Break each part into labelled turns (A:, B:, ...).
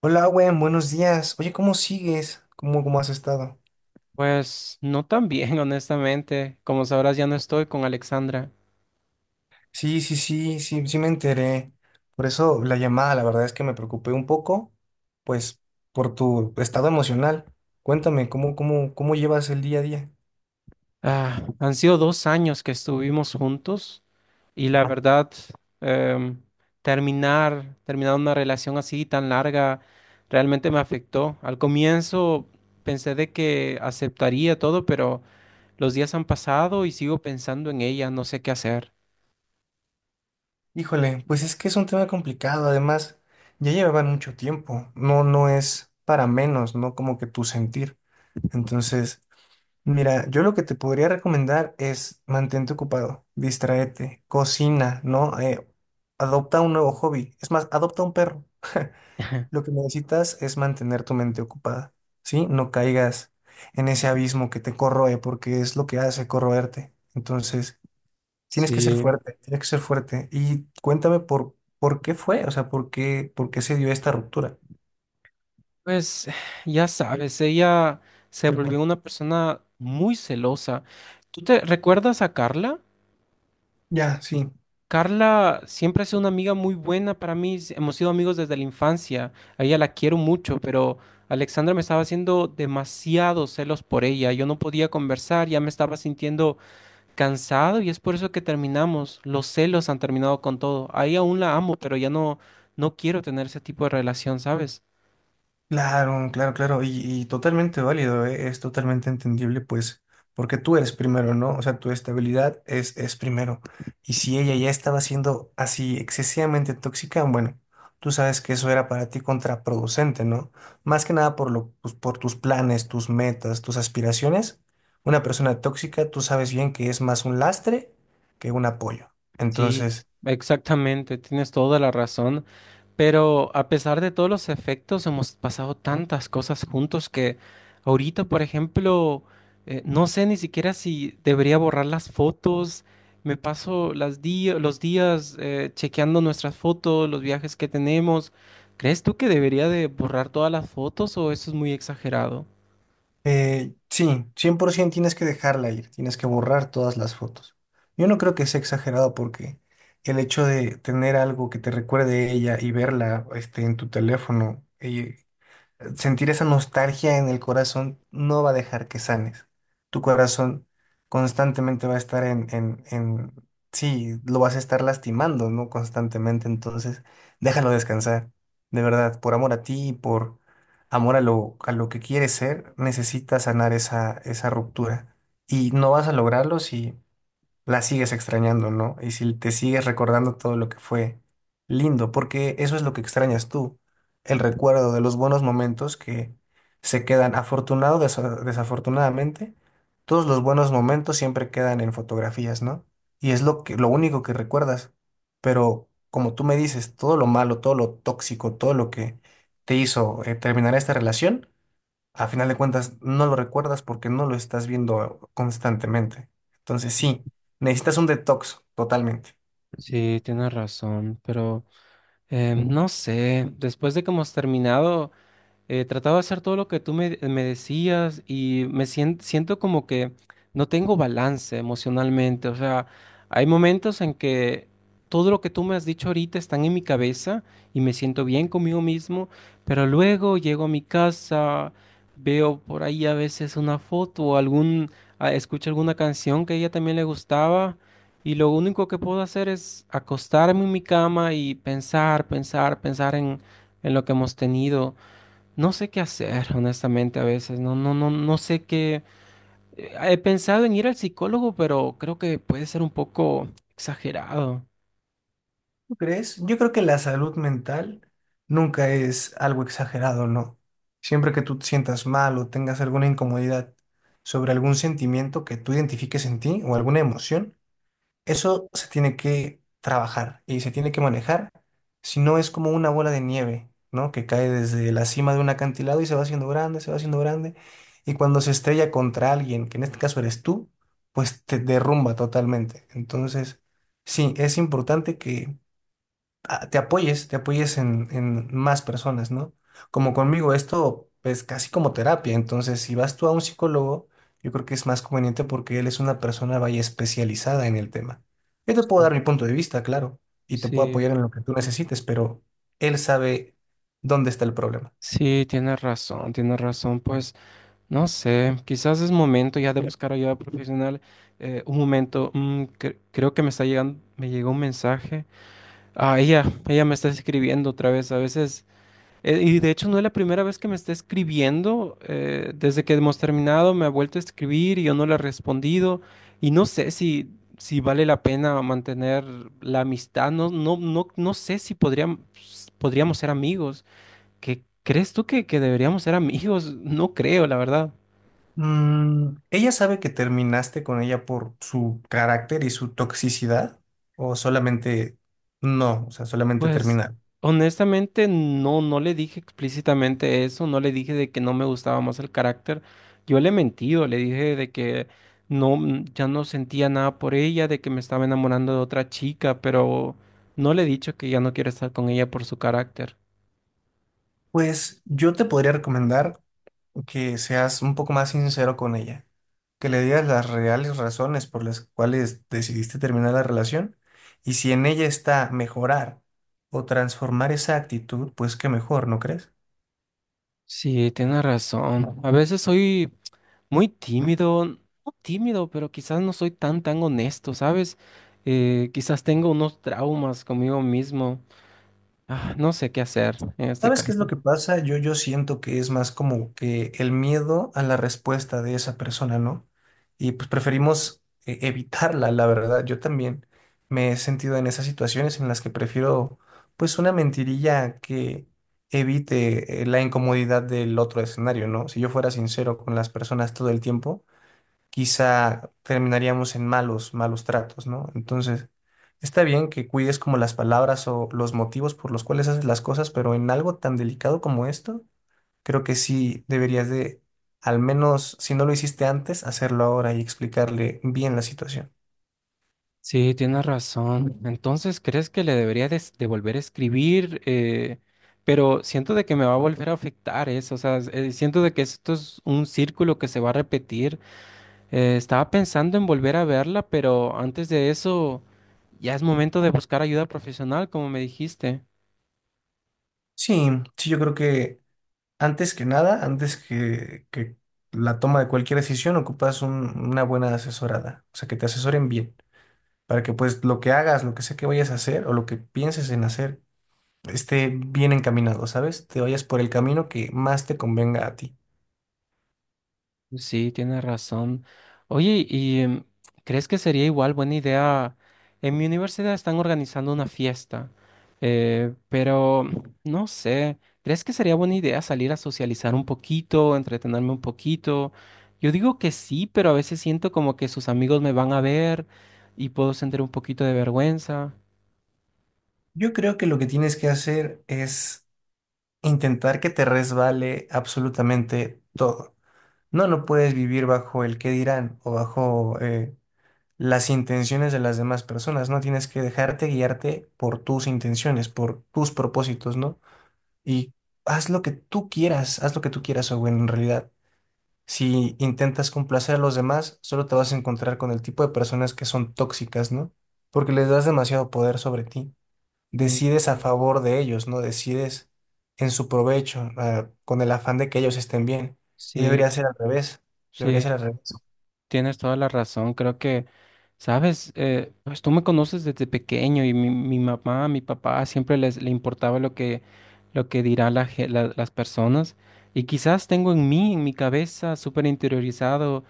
A: Hola, Owen, buenos días. Oye, ¿cómo sigues? ¿Cómo has estado?
B: Pues no tan bien, honestamente. Como sabrás, ya no estoy con Alexandra.
A: Sí, sí, sí, sí, sí me enteré. Por eso la llamada, la verdad es que me preocupé un poco, pues, por tu estado emocional. Cuéntame, ¿cómo llevas el día a día?
B: Ah, han sido 2 años que estuvimos juntos y la verdad, em, terminar una relación así tan larga realmente me afectó. Al comienzo pensé de que aceptaría todo, pero los días han pasado y sigo pensando en ella, no sé qué hacer.
A: Híjole, pues es que es un tema complicado. Además, ya llevaban mucho tiempo. No, no es para menos, ¿no? Como que tu sentir. Entonces, mira, yo lo que te podría recomendar es mantente ocupado, distraete, cocina, ¿no? Adopta un nuevo hobby. Es más, adopta un perro. Lo que necesitas es mantener tu mente ocupada, ¿sí? No caigas en ese abismo que te corroe, porque es lo que hace corroerte. Entonces, tienes que ser
B: Sí.
A: fuerte, tienes que ser fuerte. Y cuéntame por qué fue, o sea, por qué se dio esta ruptura.
B: Pues ya sabes, ella se volvió una persona muy celosa. ¿Tú te recuerdas a Carla?
A: Ya, sí.
B: Carla siempre ha sido una amiga muy buena para mí. Hemos sido amigos desde la infancia. A ella la quiero mucho, pero Alexandra me estaba haciendo demasiados celos por ella. Yo no podía conversar, ya me estaba sintiendo cansado y es por eso que terminamos. Los celos han terminado con todo. Ahí aún la amo, pero ya no, no quiero tener ese tipo de relación, ¿sabes?
A: Claro, claro, claro, y totalmente válido, ¿eh? Es totalmente entendible, pues, porque tú eres primero, ¿no? O sea, tu estabilidad es primero. Y si ella ya estaba siendo así excesivamente tóxica, bueno, tú sabes que eso era para ti contraproducente, ¿no? Más que nada por lo, pues, por tus planes, tus metas, tus aspiraciones. Una persona tóxica, tú sabes bien que es más un lastre que un apoyo.
B: Sí,
A: Entonces...
B: exactamente, tienes toda la razón, pero a pesar de todos los efectos, hemos pasado tantas cosas juntos que ahorita, por ejemplo, no sé ni siquiera si debería borrar las fotos, me paso las los días chequeando nuestras fotos, los viajes que tenemos. ¿Crees tú que debería de borrar todas las fotos o eso es muy exagerado?
A: Sí, 100% tienes que dejarla ir, tienes que borrar todas las fotos. Yo no creo que sea exagerado porque el hecho de tener algo que te recuerde a ella y verla este, en tu teléfono, sentir esa nostalgia en el corazón no va a dejar que sanes. Tu corazón constantemente va a estar en... Sí, lo vas a estar lastimando, ¿no? Constantemente. Entonces, déjalo descansar. De verdad, por amor a ti y por amor a lo que quieres ser, necesitas sanar esa, esa ruptura. Y no vas a lograrlo si la sigues extrañando, ¿no? Y si te sigues recordando todo lo que fue lindo, porque eso es lo que extrañas tú, el recuerdo de los buenos momentos que se quedan afortunado, desafortunadamente, todos los buenos momentos siempre quedan en fotografías, ¿no? Y es lo lo único que recuerdas. Pero como tú me dices, todo lo malo, todo lo tóxico, todo lo que te hizo terminar esta relación a final de cuentas no lo recuerdas porque no lo estás viendo constantemente. Entonces sí, necesitas un detox totalmente.
B: Sí, tienes razón, pero no sé, después de que hemos terminado. Trataba de hacer todo lo que tú me decías y me siento como que no tengo balance emocionalmente. O sea, hay momentos en que todo lo que tú me has dicho ahorita están en mi cabeza y me siento bien conmigo mismo, pero luego llego a mi casa, veo por ahí a veces una foto o algún, escucho alguna canción que a ella también le gustaba. Y lo único que puedo hacer es acostarme en mi cama y pensar, pensar, pensar en, lo que hemos tenido. No sé qué hacer, honestamente, a veces. No, no, no, no sé qué. He pensado en ir al psicólogo, pero creo que puede ser un poco exagerado.
A: ¿Tú crees? Yo creo que la salud mental nunca es algo exagerado, ¿no? Siempre que tú te sientas mal o tengas alguna incomodidad sobre algún sentimiento que tú identifiques en ti o alguna emoción, eso se tiene que trabajar y se tiene que manejar, si no es como una bola de nieve, ¿no? Que cae desde la cima de un acantilado y se va haciendo grande, se va haciendo grande, y cuando se estrella contra alguien, que en este caso eres tú, pues te derrumba totalmente. Entonces, sí, es importante que te apoyes en más personas, ¿no? Como conmigo, esto es casi como terapia, entonces si vas tú a un psicólogo, yo creo que es más conveniente porque él es una persona vaya especializada en el tema. Yo te puedo
B: Sí,
A: dar mi punto de vista, claro, y te puedo
B: sí,
A: apoyar en lo que tú necesites, pero él sabe dónde está el problema.
B: sí, tienes razón, tienes razón. Pues no sé, quizás es momento ya de buscar ayuda profesional. Un momento, creo que me está llegando, me llegó un mensaje. Ah, ella me está escribiendo otra vez. A veces. Y de hecho no es la primera vez que me está escribiendo. Desde que hemos terminado me ha vuelto a escribir y yo no le he respondido. Y no sé si vale la pena mantener la amistad. No, no, no, no sé si podríamos ser amigos. ¿Qué crees tú que deberíamos ser amigos? No creo, la verdad.
A: Mm, ¿ella sabe que terminaste con ella por su carácter y su toxicidad? ¿O solamente no? O sea, solamente
B: Pues
A: terminar.
B: honestamente no, no le dije explícitamente eso, no le dije de que no me gustaba más el carácter. Yo le he mentido, le dije de que no, ya no sentía nada por ella, de que me estaba enamorando de otra chica, pero no le he dicho que ya no quiero estar con ella por su carácter.
A: Pues yo te podría recomendar que seas un poco más sincero con ella, que le digas las reales razones por las cuales decidiste terminar la relación y si en ella está mejorar o transformar esa actitud, pues qué mejor, ¿no crees?
B: Sí, tienes razón. A veces soy muy tímido, no tímido, pero quizás no soy tan, tan honesto, ¿sabes? Quizás tengo unos traumas conmigo mismo. Ah, no sé qué hacer en este
A: ¿Sabes qué es lo
B: caso.
A: que pasa? Yo siento que es más como que el miedo a la respuesta de esa persona, ¿no? Y pues preferimos evitarla, la verdad. Yo también me he sentido en esas situaciones en las que prefiero pues una mentirilla que evite la incomodidad del otro escenario, ¿no? Si yo fuera sincero con las personas todo el tiempo, quizá terminaríamos en malos, malos tratos, ¿no? Entonces, está bien que cuides como las palabras o los motivos por los cuales haces las cosas, pero en algo tan delicado como esto, creo que sí deberías de, al menos si no lo hiciste antes, hacerlo ahora y explicarle bien la situación.
B: Sí, tienes razón. Entonces, ¿crees que le debería de volver a escribir? Pero siento de que me va a volver a afectar eso. O sea, siento de que esto es un círculo que se va a repetir. Estaba pensando en volver a verla, pero antes de eso, ya es momento de buscar ayuda profesional, como me dijiste.
A: Sí, sí, yo creo que antes que nada, antes que la toma de cualquier decisión, ocupas una buena asesorada, o sea, que te asesoren bien, para que pues lo que hagas, lo que sea que vayas a hacer o lo que pienses en hacer, esté bien encaminado, ¿sabes? Te vayas por el camino que más te convenga a ti.
B: Sí, tienes razón. Oye, ¿y crees que sería igual buena idea? En mi universidad están organizando una fiesta, pero no sé, ¿crees que sería buena idea salir a socializar un poquito, entretenerme un poquito? Yo digo que sí, pero a veces siento como que sus amigos me van a ver y puedo sentir un poquito de vergüenza.
A: Yo creo que lo que tienes que hacer es intentar que te resbale absolutamente todo. No, no puedes vivir bajo el qué dirán o bajo las intenciones de las demás personas, ¿no? Tienes que dejarte guiarte por tus intenciones, por tus propósitos, ¿no? Y haz lo que tú quieras, haz lo que tú quieras, o en realidad. Si intentas complacer a los demás, solo te vas a encontrar con el tipo de personas que son tóxicas, ¿no? Porque les das demasiado poder sobre ti.
B: Sí.
A: Decides a favor de ellos, ¿no? Decides en su provecho, ah, con el afán de que ellos estén bien. Y
B: Sí,
A: debería ser al revés. Debería
B: sí,
A: ser al revés.
B: tienes toda la razón, creo que, sabes, pues tú me conoces desde pequeño y mi mamá, mi papá siempre les le importaba lo lo que dirán la las personas y quizás tengo en mí, en mi cabeza, súper interiorizado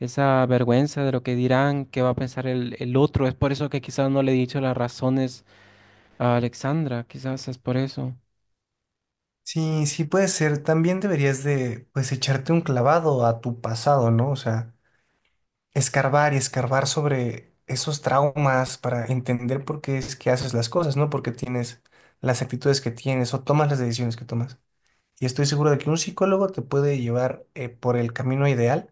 B: esa vergüenza de lo que dirán, qué va a pensar el otro. Es por eso que quizás no le he dicho las razones a Alexandra, quizás es por eso.
A: Sí, sí puede ser. También deberías de, pues, echarte un clavado a tu pasado, ¿no? O sea, escarbar y escarbar sobre esos traumas para entender por qué es que haces las cosas, ¿no? Porque tienes las actitudes que tienes o tomas las decisiones que tomas. Y estoy seguro de que un psicólogo te puede llevar por el camino ideal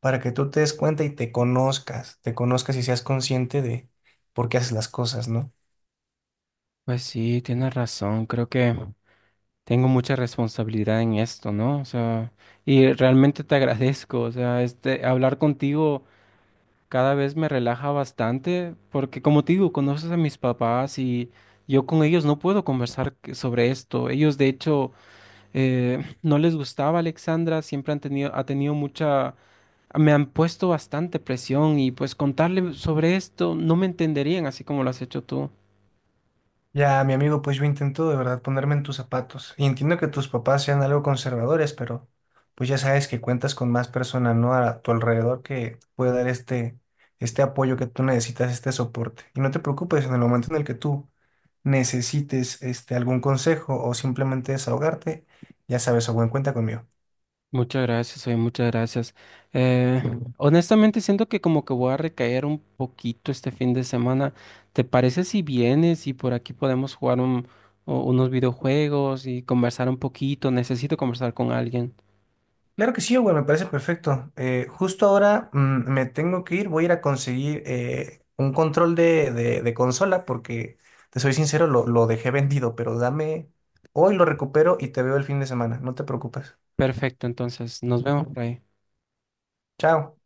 A: para que tú te des cuenta y te conozcas y seas consciente de por qué haces las cosas, ¿no?
B: Pues sí, tienes razón, creo que, tengo mucha responsabilidad en esto, ¿no? O sea, y realmente te agradezco, o sea, este, hablar contigo cada vez me relaja bastante, porque como te digo, conoces a mis papás y yo con ellos no puedo conversar sobre esto. Ellos, de hecho, no les gustaba Alexandra, siempre han tenido, ha tenido mucha, me han puesto bastante presión y pues contarle sobre esto no me entenderían así como lo has hecho tú.
A: Ya, mi amigo, pues yo intento de verdad ponerme en tus zapatos. Y entiendo que tus papás sean algo conservadores, pero pues ya sabes que cuentas con más personas, ¿no? A tu alrededor que te puede dar este, este apoyo que tú necesitas, este soporte. Y no te preocupes, en el momento en el que tú necesites este, algún consejo o simplemente desahogarte, ya sabes, a buen cuenta conmigo.
B: Muchas gracias, oye, muchas gracias. Eh, Honestamente siento que como que voy a recaer un poquito este fin de semana. ¿Te parece si vienes y por aquí podemos jugar unos videojuegos y conversar un poquito? Necesito conversar con alguien.
A: Claro que sí, güey, me parece perfecto. Justo ahora mm, me tengo que ir, voy a ir a conseguir un control de, de consola porque, te soy sincero, lo dejé vendido, pero dame, hoy lo recupero y te veo el fin de semana, no te preocupes.
B: Perfecto, entonces nos vemos por ahí.
A: Chao.